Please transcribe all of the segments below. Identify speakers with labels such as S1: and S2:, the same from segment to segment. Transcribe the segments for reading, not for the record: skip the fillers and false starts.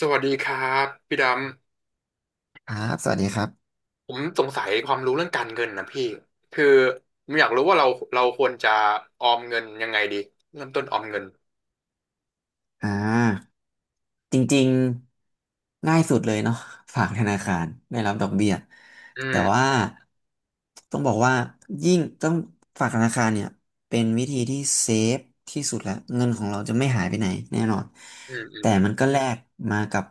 S1: สวัสดีครับพี่ดำ
S2: ครับ สวัสดีครับ
S1: ผมสงสัยความรู้เรื่องการเงินนะพี่คือผมอยากรู้ว่าเราควรจะออมเงินยังไงดีเริ่มต้นออมเงิน
S2: อ่าจริงๆ ง่ายสุดเลยเนาะฝากธนาคาร ได้รับดอกเบี้ย
S1: อื
S2: แต่
S1: ม
S2: ว่า ต้องบอกว่า ยิ่งต้องฝากธนาคารเนี่ย เป็นวิธีที่เซฟที่สุดแล้ว เงินของเราจะไม่หายไปไหนแน่นอน
S1: อืมอืม
S2: แต่มันก็แลกมากับ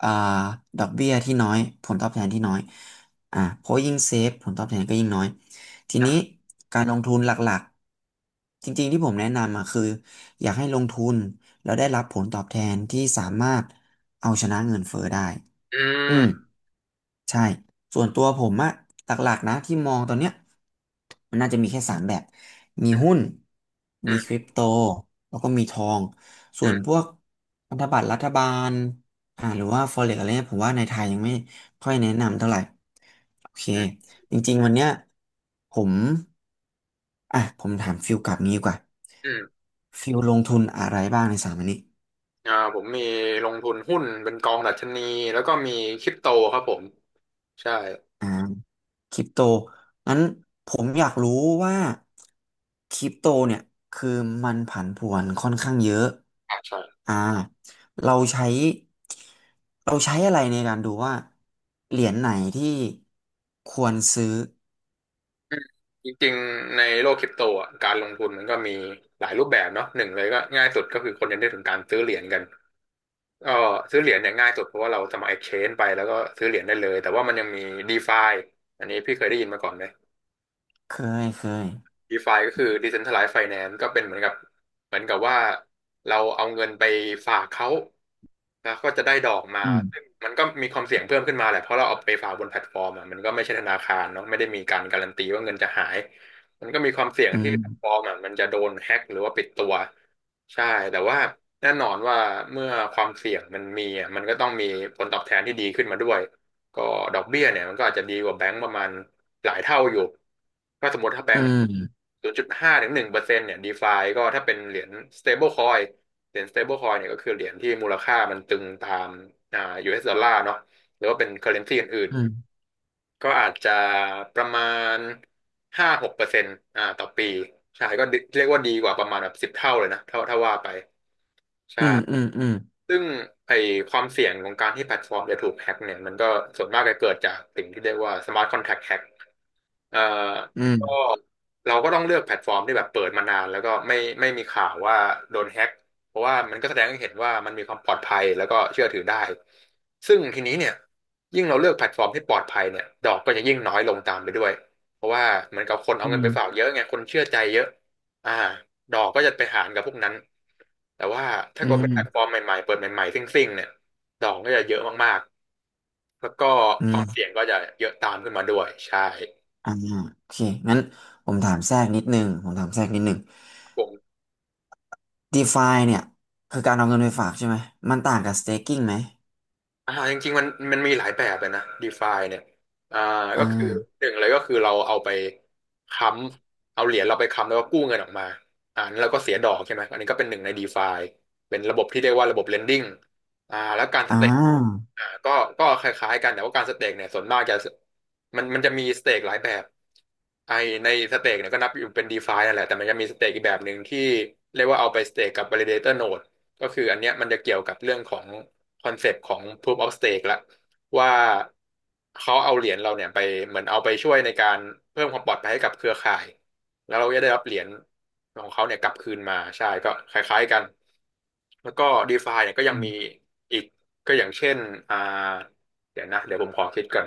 S2: อ่าดอกเบี้ยที่น้อยผลตอบแทนที่น้อยเพราะยิ่งเซฟผลตอบแทนก็ยิ่งน้อยที
S1: นะ
S2: นี้การลงทุนหลักๆจริงๆที่ผมแนะนำอ่ะคืออยากให้ลงทุนแล้วได้รับผลตอบแทนที่สามารถเอาชนะเงินเฟ้อได้
S1: อื
S2: อืม
S1: ม
S2: ใช่ ส่วนตัวผมอะหลักๆนะที่มองตอนเนี้ยมันน่าจะมีแค่สามแบบ มีหุ้น
S1: อื
S2: มีคริ
S1: ม
S2: ปโต แล้วก็มีทอง ส่
S1: อื
S2: วนพ
S1: ม
S2: วกพันธบัตรรัฐบาลหรือว่า forex อะไรเนี่ยผมว่าในไทยยังไม่ค่อยแนะนำเท่าไหร่ โอเค
S1: อืม
S2: จริงๆวันเนี้ยผม ผมถามฟิลกลับนี้ดีกว่า
S1: อืม
S2: ฟิลลงทุนอะไรบ้างในสามอันนี้
S1: ผมมีลงทุนหุ้นเป็นกองดัชนีแล้วก็มีคริปโตครับผมใช่
S2: อ่าคริปโตงั้นผมอยากรู้ว่าคริปโตเนี่ยคือมันผันผวนค่อนข้างเยอะ
S1: ใช่
S2: อ่าเราใช้เราใช้อะไรในการดูว่าเหรียญไหนที่ควรซื้อ
S1: อืมจริงๆในโลกคริปโตอ่ะการลงทุนมันก็มีหลายรูปแบบเนาะหนึ่งเลยก็ง่ายสุดก็คือคนยังได้ถึงการซื้อเหรียญกัน ก็ซื้อเหรียญเนี่ยง่ายสุดเพราะว่าเราสมัคร exchange ไปแล้วก็ซื้อเหรียญได้เลยแต่ว่ามันยังมี DeFi อันนี้พี่เคยได้ยินมาก่อนไหม
S2: เคยเคย
S1: DeFi ก็คือ Decentralized Finance ก็เป็นเหมือนกับว่าเราเอาเงินไปฝากเขา แล้วก็จะได้ดอกมา
S2: อืม
S1: ซึ่งมันก็มีความเสี่ยงเพิ่มขึ้นมาแหละเพราะเราเอาไปฝากบนแพลตฟอร์มอะมันก็ไม่ใช่ธนาคารเนาะไม่ได้มีการการันตีว่าเงินจะหาย มันก็มีความเสี่ยง
S2: อื
S1: ที่แพลตฟอ
S2: ม
S1: ร์มอะมันจะโดนแฮ็กหรือว่าปิดตัวใช่แต่ว่าแน่นอนว่าเมื่อความเสี่ยงมันมีอะมันก็ต้องมีผลตอบแทนที่ดีขึ้นมาด้วยก็ดอกเบี้ยเนี่ยมันก็อาจจะดีกว่าแบงก์ประมาณหลายเท่าอยู่ถ้าสมมติถ้าแบ
S2: อื
S1: งก์
S2: ม
S1: 0.5-1%เนี่ยดีฟาก็ถ้าเป็นเหรียญ stable coin เหรียญ stablecoin เนี่ยก็คือเหรียญที่มูลค่ามันตึงตามอ่า US ดอลลาร์เนาะหรือว่าเป็น currency อื่น
S2: อืม
S1: ๆก็อาจจะประมาณ5-6%ต่อปีใช่ก็เรียกว่าดีกว่าประมาณแบบ10 เท่าเลยนะถ้าว่าไป
S2: อืม
S1: ใช่
S2: อืมอ
S1: ซึ่งไอความเสี่ยงของการที่แพลตฟอร์มจะถูกแฮ็กเนี่ยมันก็ส่วนมากจะเกิดจากสิ่งที่เรียกว่า smart contract hack เอ่อ
S2: ื
S1: ก็
S2: ม
S1: เราก็ต้องเลือกแพลตฟอร์มที่แบบเปิดมานานแล้วก็ไม่มีข่าวว่าโดนแฮ็กเพราะว่ามันก็แสดงให้เห็นว่ามันมีความปลอดภัยแล้วก็เชื่อถือได้ซึ่งทีนี้เนี่ยยิ่งเราเลือกแพลตฟอร์มที่ปลอดภัยเนี่ยดอกก็จะยิ่งน้อยลงตามไปด้วยเพราะว่าเหมือนกับคนเอา
S2: อื
S1: เงินไป
S2: ม
S1: ฝากเยอะไงคนเชื่อใจเยอะอ่าดอกก็จะไปหารกับพวกนั้นแต่ว่าถ้า
S2: อื
S1: เกิ
S2: ม
S1: ด
S2: อื
S1: เป็น
S2: ม
S1: แพลตฟอร์มใหม่ๆเปิดใหม่ๆซิ่งๆเนี่ยดอกก็จะเยอะมากๆแล้วก็
S2: อื
S1: ความ
S2: ม
S1: เสี่ยงก็จะเยอะตามขึ้นมาด้วยใช่
S2: อ่าโอเคงั้นผมถามแทรกนิดนึงผมถามแทรกนิดนึง
S1: ผม
S2: DeFi เนี่ยคือการเอาเงินไปฝากใช่ไหมมันต่างกับ staking ไหม
S1: จริงๆมันมีหลายแบบเลยนะ DeFi เนี่ยอ่า
S2: อ่
S1: ก็คือ
S2: า
S1: หนึ่งเลยก็คือเราเอาไปค้เอาเหรียญเราไปค้ำแล้วก็กู้เงินออกมานั้นเราก็เสียดอกใช่ไหมอันนี้ก็เป็นหนึ่งใน DeFi เป็นระบบที่เรียกว่าระบบ lending แล้วการส
S2: อ่
S1: เต็ก
S2: า
S1: ก็คล้ายๆกันแต่ว่าการสเต็กเนี่ยส่วนมากจะมันจะมีสเต็กหลายแบบไอในสเต็กเนี่ยก็นับอยู่เป็น DeFi นั่นแหละแต่มันจะมีสเต็กอีกแบบหนึ่งที่เรียกว่าเอาไปสเต็กกับ validator node ก็คืออันเนี้ยมันจะเกี่ยวกับเรื่องของ คอนเซปต์ของ Proof of Stake ละว่าเขาเอาเหรียญเราเนี่ยไปเหมือนเอาไปช่วยในการเพิ่มความปลอดภัยให้กับเครือข่ายแล้วเราจะได้รับเหรียญของเขาเนี่ยกลับคืนมาใช่ก็คล้ายๆกันแล้วก็ DeFi เนี่ยก็ยัง
S2: อื
S1: มี
S2: ม
S1: อีกก็อย่างเช่นอ่าเดี๋ยวนะเดี๋ยวผมขอคิดก่อน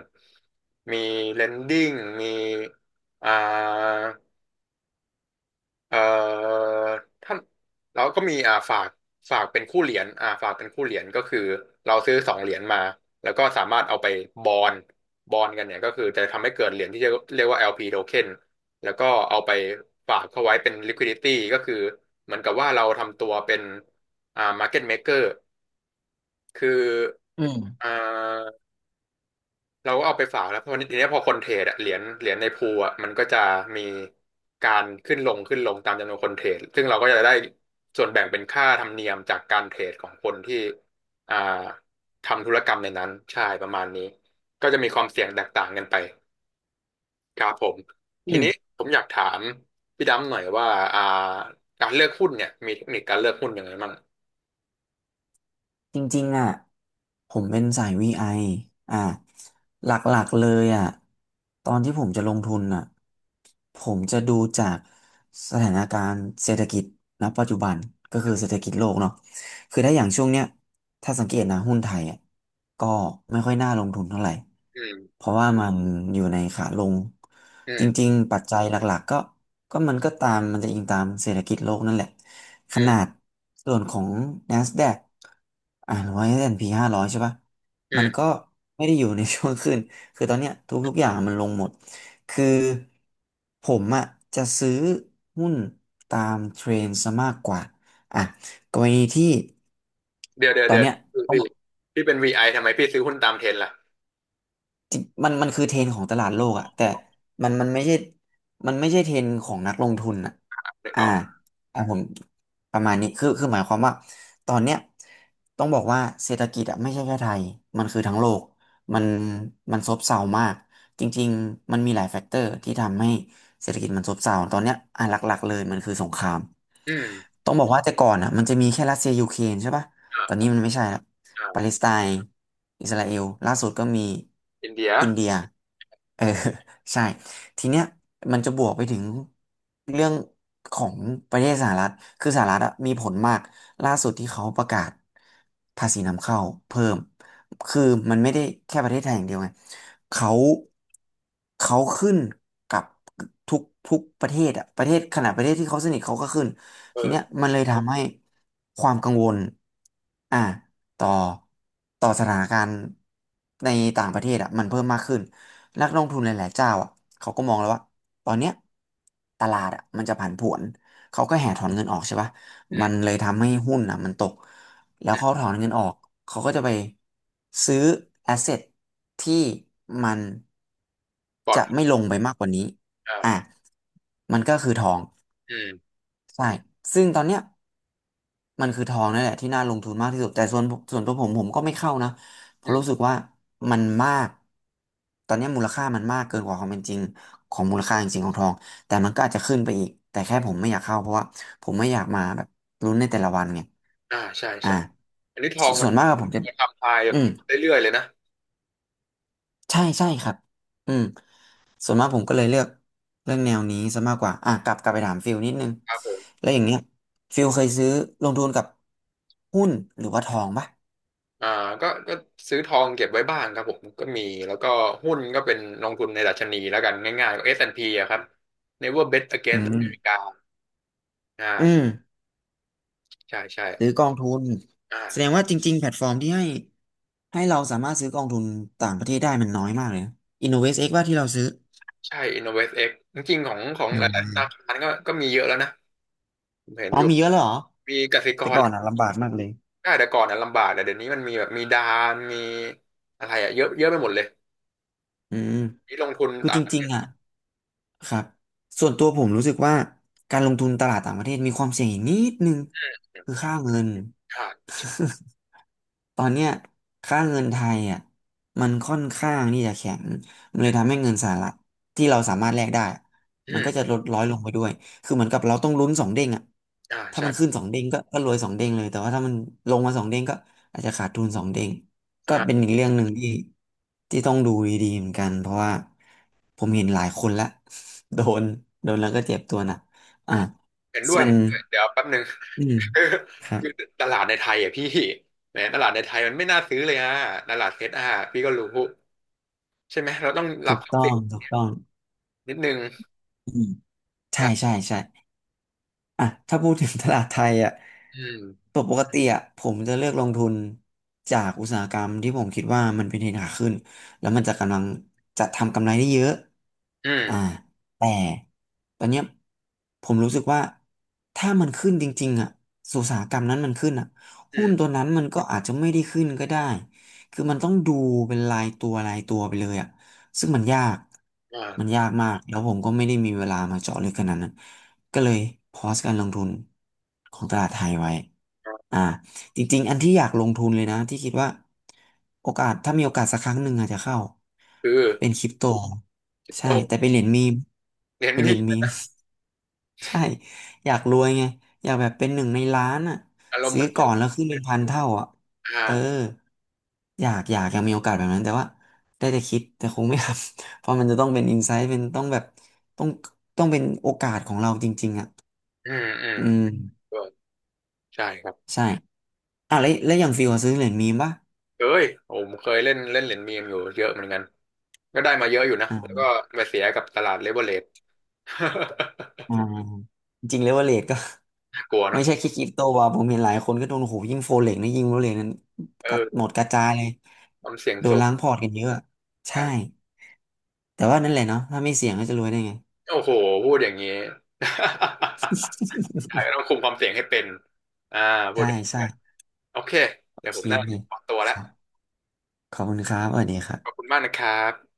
S1: มี Lending มีอ่า เอ่อท่านเราก็มีฝากเป็นคู่เหรียญฝากเป็นคู่เหรียญก็คือเราซื้อสองเหรียญมาแล้วก็สามารถเอาไปบอนบอนกันเนี่ยก็คือจะทำให้เกิดเหรียญที่เรียกว่า LP token แล้วก็เอาไปฝากเข้าไว้เป็น liquidity ก็คือเหมือนกับว่าเราทำตัวเป็นmarket maker คือ
S2: อืม
S1: อ่า เราก็เอาไปฝากแล้วเพราะทีนี้พอคนเทรดอะเหรียญในพูลอะมันก็จะมีการขึ้นลงขึ้นลงตามจำนวนคนเทรดซึ่งเราก็จะได้ส่วนแบ่งเป็นค่าธรรมเนียมจากการเทรดของคนที่อ่าทำธุรกรรมในนั้นใช่ประมาณนี้ก็จะมีความเสี่ยงแตกต่างกันไปครับผม
S2: อื
S1: ที
S2: ม
S1: นี้ผมอยากถามพี่ดำหน่อยว่าอ่าการเลือกหุ้นเนี่ยมีเทคนิคการเลือกหุ้นยังไงบ้าง
S2: จริงๆอ่ะผมเป็นสาย VI ออ่ะหลักๆเลยอ่ะตอนที่ผมจะลงทุนอ่ะผมจะดูจากสถานการณ์เศรษฐกิจณปัจจุบันก็คือเศรษฐกิจโลกเนาะคือถ้าอย่างช่วงเนี้ยถ้าสังเกตนะหุ้นไทยอ่ะก็ไม่ค่อยน่าลงทุนเท่าไหร่
S1: อื
S2: เพ
S1: ม
S2: ราะว่ามันอยู่ในขาลง
S1: อื
S2: จ
S1: ม
S2: ริงๆปัจจัยหลักๆก็มันก็ตามมันจะอิงตามเศรษฐกิจโลกนั่นแหละ ข
S1: อื
S2: นา
S1: ม
S2: ดส่วนของ NASDAQ อ่าหรือว่า S&P 500ใช่ปะ
S1: อื
S2: มันก็
S1: ม
S2: ไม่ได้อยู่ในช่วงขึ้น คือตอนเนี้ยทุกๆอย่างมันลงหมดคือผมอะจะซื้อหุ้นตามเทรนด์ซะมากกว่าอ่ะกรณีที่
S1: เดี๋ยวเดี๋ยว
S2: ตอ
S1: เดี๋
S2: น
S1: ยว
S2: เนี้ยต้อง
S1: พี่
S2: บอก
S1: พี่เป็นวีไอทำไมพี่ซื้อหุ้นตามเทรนด์ล่ะ
S2: จริงมันคือเทรนด์ของตลาดโลกอะแต่มันมันไม่ใช่มันไม่ใช่เทรนด์ของนักลงทุนอะ
S1: นึก
S2: อ่า
S1: ออก
S2: อ่าผมประมาณนี้คือหมายความว่าตอนเนี้ยต้องบอกว่าเศรษฐกิจอะไม่ใช่แค่ไทยมันคือทั้งโลกมันมันซบเซามากจริงๆมันมีหลายแฟกเตอร์ที่ทำให้เศรษฐกิจมันซบเซาตอนเนี้ยอ่ะหลักๆเลยมันคือสงคราม
S1: อืม
S2: ต้องบอกว่าแต่ก่อนอะมันจะมีแค่รัสเซียยูเครนใช่ปะ
S1: อ
S2: ตอนนี้
S1: ่า
S2: มันไม่ใช่ละ
S1: อ่
S2: ปาเล
S1: า
S2: สไตน์อิสราเอลล่าสุดก็มี
S1: อินเดีย
S2: อินเดียเออ ใช่ทีเนี้ยมันจะบวกไปถึงเรื่องของประเทศสหรัฐคือสหรัฐอะมีผลมากล่าสุดที่เขาประกาศภาษีนำเข้าเพิ่มคือมันไม่ได้แค่ประเทศไทยอย่างเดียวไงเขาเขาขึ้นกับทุกทุกประเทศอะประเทศขนาดประเทศที่เขาสนิทเขาก็ขึ้น
S1: เอ
S2: ทีเนี้ย
S1: อ
S2: มันเลยทำให้ความกังวลอ่าต่อต่อสถานการณ์ในต่างประเทศอ่ะมันเพิ่มมากขึ้นนักลงทุนหลายๆเจ้าอ่ะเขาก็มองแล้วว่าตอนเนี้ยตลาดอ่ะมันจะผันผวนเขาก็แห่ถอนเงินออกใช่ปะ
S1: อื
S2: มัน
S1: ม
S2: เลยทำให้หุ้นอ่ะมันตกแล้ว
S1: อื
S2: เขาถ
S1: ม
S2: อนเงินออกเขาก็จะไปซื้อแอสเซทที่มัน
S1: ปลอด
S2: จะไม่ลงไปมากกว่านี้อ่ะ
S1: อ่า
S2: มันก็คือทอง
S1: อืม
S2: ใช่ซึ่งตอนเนี้ย มันคือทองนั่นแหละที่น่าลงทุนมากที่สุดแต่ส่วนตัวผมก็ไม่เข้านะเพ
S1: อื
S2: ราะรู้สึก
S1: ม
S2: ว่ามันมากตอนนี้มูลค่ามันมากเกินกว่าความเป็นจริงของมูลค่าจริงๆของทองแต่มันก็อาจจะขึ้นไปอีกแต่แค่ผมไม่อยากเข้าเพราะว่าผมไม่อยากมาแบบลุ้นในแต่ละวันไง
S1: ใช่
S2: อ่า
S1: ใช่อันนี้ทอ
S2: ส
S1: งมั
S2: ส่
S1: น
S2: วนมากอะผมจะ
S1: ทำลายแบ
S2: อื
S1: บ
S2: ม
S1: เรื่อยๆเลยนะ
S2: ใช่ใช่ครับอืมส่วนมากผมก็เลยเลือกเรื่องแนวนี้ซะมากกว่าอ่ะกลับไปถามฟิลนิดนึง
S1: ครับผม
S2: แล้วอย่างเงี้ยฟิลเคยซื้อลงทุนกับหุ้นหรือว่าทองปะ
S1: อ่าก็ซื้อทองเก็บไว้บ้างครับผมก็มี แล้วก็หุ้นก็เป็นลงทุนในดัชนีแล้วกันง่ายๆก็ S&P อสแอนด์พีอะครับ Never Bet
S2: อื
S1: Against
S2: ม
S1: America
S2: อืม
S1: อ่าใช่ ใช่
S2: หรือกองทุน
S1: อ่า
S2: แสดงว่าจริงๆแพลตฟอร์มที่ให้เราสามารถซื้อกองทุนต่างประเทศได้มันน้อยมากเลยนะ i n n o v ็กซ x ว่าที่เราซื้อ
S1: ใช่ InnovestX จริงๆของ
S2: อื
S1: หลายๆธนา
S2: ม
S1: คารก็มีเยอะแล้วนะผมเห็น
S2: อ๋อ
S1: อยู่
S2: มีเยอะเลยเหรอ
S1: มีกสิก
S2: แต่
S1: ร
S2: ก่อนอ่ะลำบากมากเลย
S1: ได้แต่ก่อนนะลำบากแต่เดี๋ยวนี้มันมีแบบมีดานมีอะไรอะเยอะเยอะไปหมดเลย
S2: อืม
S1: นี่ลงทุน
S2: คือ
S1: ต่า
S2: จ
S1: งประเท
S2: ริงๆอ่ะ
S1: ศ
S2: ครับส่วนตัวผมรู้สึกว่าการลงทุนตลาดต่างประเทศมีความเสี่ยงอีกนิดนึงคือค่าเงิน
S1: อ่า
S2: ตอนเนี้ยค่าเงินไทยอ่ะมันค่อนข้างที่จะแข็งมันเล
S1: อื
S2: ยทำ
S1: ม
S2: ให้เงินสหรัฐที่เราสามารถแลกได้มันก็จะ
S1: อ
S2: ลดร้อยลงไปด้วยคือเหมือนกับเราต้องลุ้นสองเด้งอ่ะถ้า
S1: ใช่
S2: มันขึ้นสองเด้งก็รวยสองเด้งเลยแต่ว่าถ้ามันลงมาสองเด้งก็อาจจะขาดทุนสองเด้งก็เป็น
S1: อ่า
S2: อีกเรื่องหนึ่งที่ต้องดูดีๆเหมือนกันเพราะว่าผมเห็นหลายคนละ โดนโดนแล้วก็เจ็บตัวหนะอ่ะ
S1: เห็นด้ว
S2: ส่
S1: ย
S2: วน
S1: เดี๋ยวแป๊บหนึ่ง
S2: อืม
S1: คือ
S2: ครั
S1: คือ
S2: บ
S1: ตลาดในไทยอ่ะพี่แหมตลาดในไทยมันไม่น่าซื้อเลยฮะตลาดเซตอ่ะพี่ก็รู้ใช่ไหมเราต้องรั
S2: ถู
S1: บ
S2: ก
S1: ความ
S2: ต้อ
S1: เสี่ย
S2: ง
S1: ง
S2: ถูกต้อง
S1: นิดนึง
S2: อืม ใช่ใช่
S1: ใช่
S2: ใช่อ่ะถ้าพูดถึงตลาดไทยอ่ะ
S1: อืม
S2: ปกติอ่ะผมจะเลือกลงทุนจากอุตสาหกรรมที่ผมคิดว่ามันเป็นเทรนด์ขาขึ้นแล้วมันจะกำลังจะทำกำไรได้เยอะ
S1: อื
S2: อ่า
S1: ม
S2: แต่ตอนเนี้ยผมรู้สึกว่าถ้ามันขึ้นจริงๆอ่ะอุตสาหกรรมนั้นมันขึ้นอ่ะ
S1: อื
S2: หุ้น
S1: ม
S2: ตัวนั้นมันก็อาจจะไม่ได้ขึ้นก็ได้คือมันต้องดูเป็นรายตัวไปเลยอ่ะ ซึ่งมันยาก
S1: อ่า
S2: มันยากมากแล้วผมก็ไม่ได้มีเวลามาเจาะลึกขนาดนั้น ก็เลยพอสการลงทุนของตลาดไทยไว้ อ่าจริงๆอันที่อยากลงทุนเลยนะ ที่คิดว่าโอกาส ถ้ามีโอกาสสักครั้งหนึ่งอาจจะเข้า
S1: คือ
S2: เป็นคริปโต
S1: คริปโต
S2: ใช่ แต่เป็นเหรียญมีม
S1: เน้น
S2: เป็นเหรี
S1: นี่
S2: ยญ
S1: มั
S2: มี
S1: น
S2: ม ใช่อยากรวยไงอยากแบบเป็นหนึ่งในล้านอ่ะ
S1: อารมณ์เห
S2: ซื้
S1: มื
S2: อ
S1: อน
S2: ก่
S1: คื
S2: อ
S1: อ
S2: นแล้วขึ้นเป็นพันเท่าอ่ะ
S1: อ่า
S2: เอออยากอยากยังมีโอกาสแบบนั้นแต่ว่าได้แต่คิดแต่คงไม่ทำ เพราะมันจะต้องเป็นอินไซต์เป็นต้องแบบต้องต้องเป็นโอกาสของเราจริงๆอ่ะ
S1: อืมอืม
S2: อืม
S1: ก็ใช่ครับ
S2: ใช่อ่ะแล้วอย่างฟิวอะซื้อเหรียญมีมป่ะ
S1: เคยผมเคยเล่นเล่นเหรียญมีมอยู่เยอะเหมือนกัน ก็ได้มาเยอะอยู่นะ แล้ว
S2: อ่า
S1: ก็มาเสียกับตลาดเลเวอเรจ
S2: อ่า จริงเลเวอเรจก็
S1: น่ากลัว
S2: ไม่
S1: เนาะ
S2: ใช่แค่คริปโตว่ะผมเห็นหลายคนก็โดนโอ้โหยิ่งโฟเล็กนี่ยิ่งโฟเล็กนั้นกัดหม
S1: เออ
S2: ดกระจายเลย
S1: ความเสี่ยง
S2: โดน
S1: สูง
S2: ล้างพอร์ตกันเยอะใช่
S1: ใช่
S2: แต่ว่านั่นแหละเนาะถ้าไม่เสี่ยงก็จะรวยได้ไง
S1: โอ้โห พูดอย่างนี้ ใช่ ต้องคุมความเสี่ยงให้เป็นอ่าพู
S2: ใช่
S1: ดอย่างนี้
S2: ใช่
S1: โอเค
S2: โอ
S1: เดี๋ยวผ
S2: เค
S1: มน่าขอตัว
S2: ค
S1: แล้ว
S2: รับขอบคุณครับสวัสดีครั
S1: ขอบคุ
S2: บ
S1: ณมากนะครับ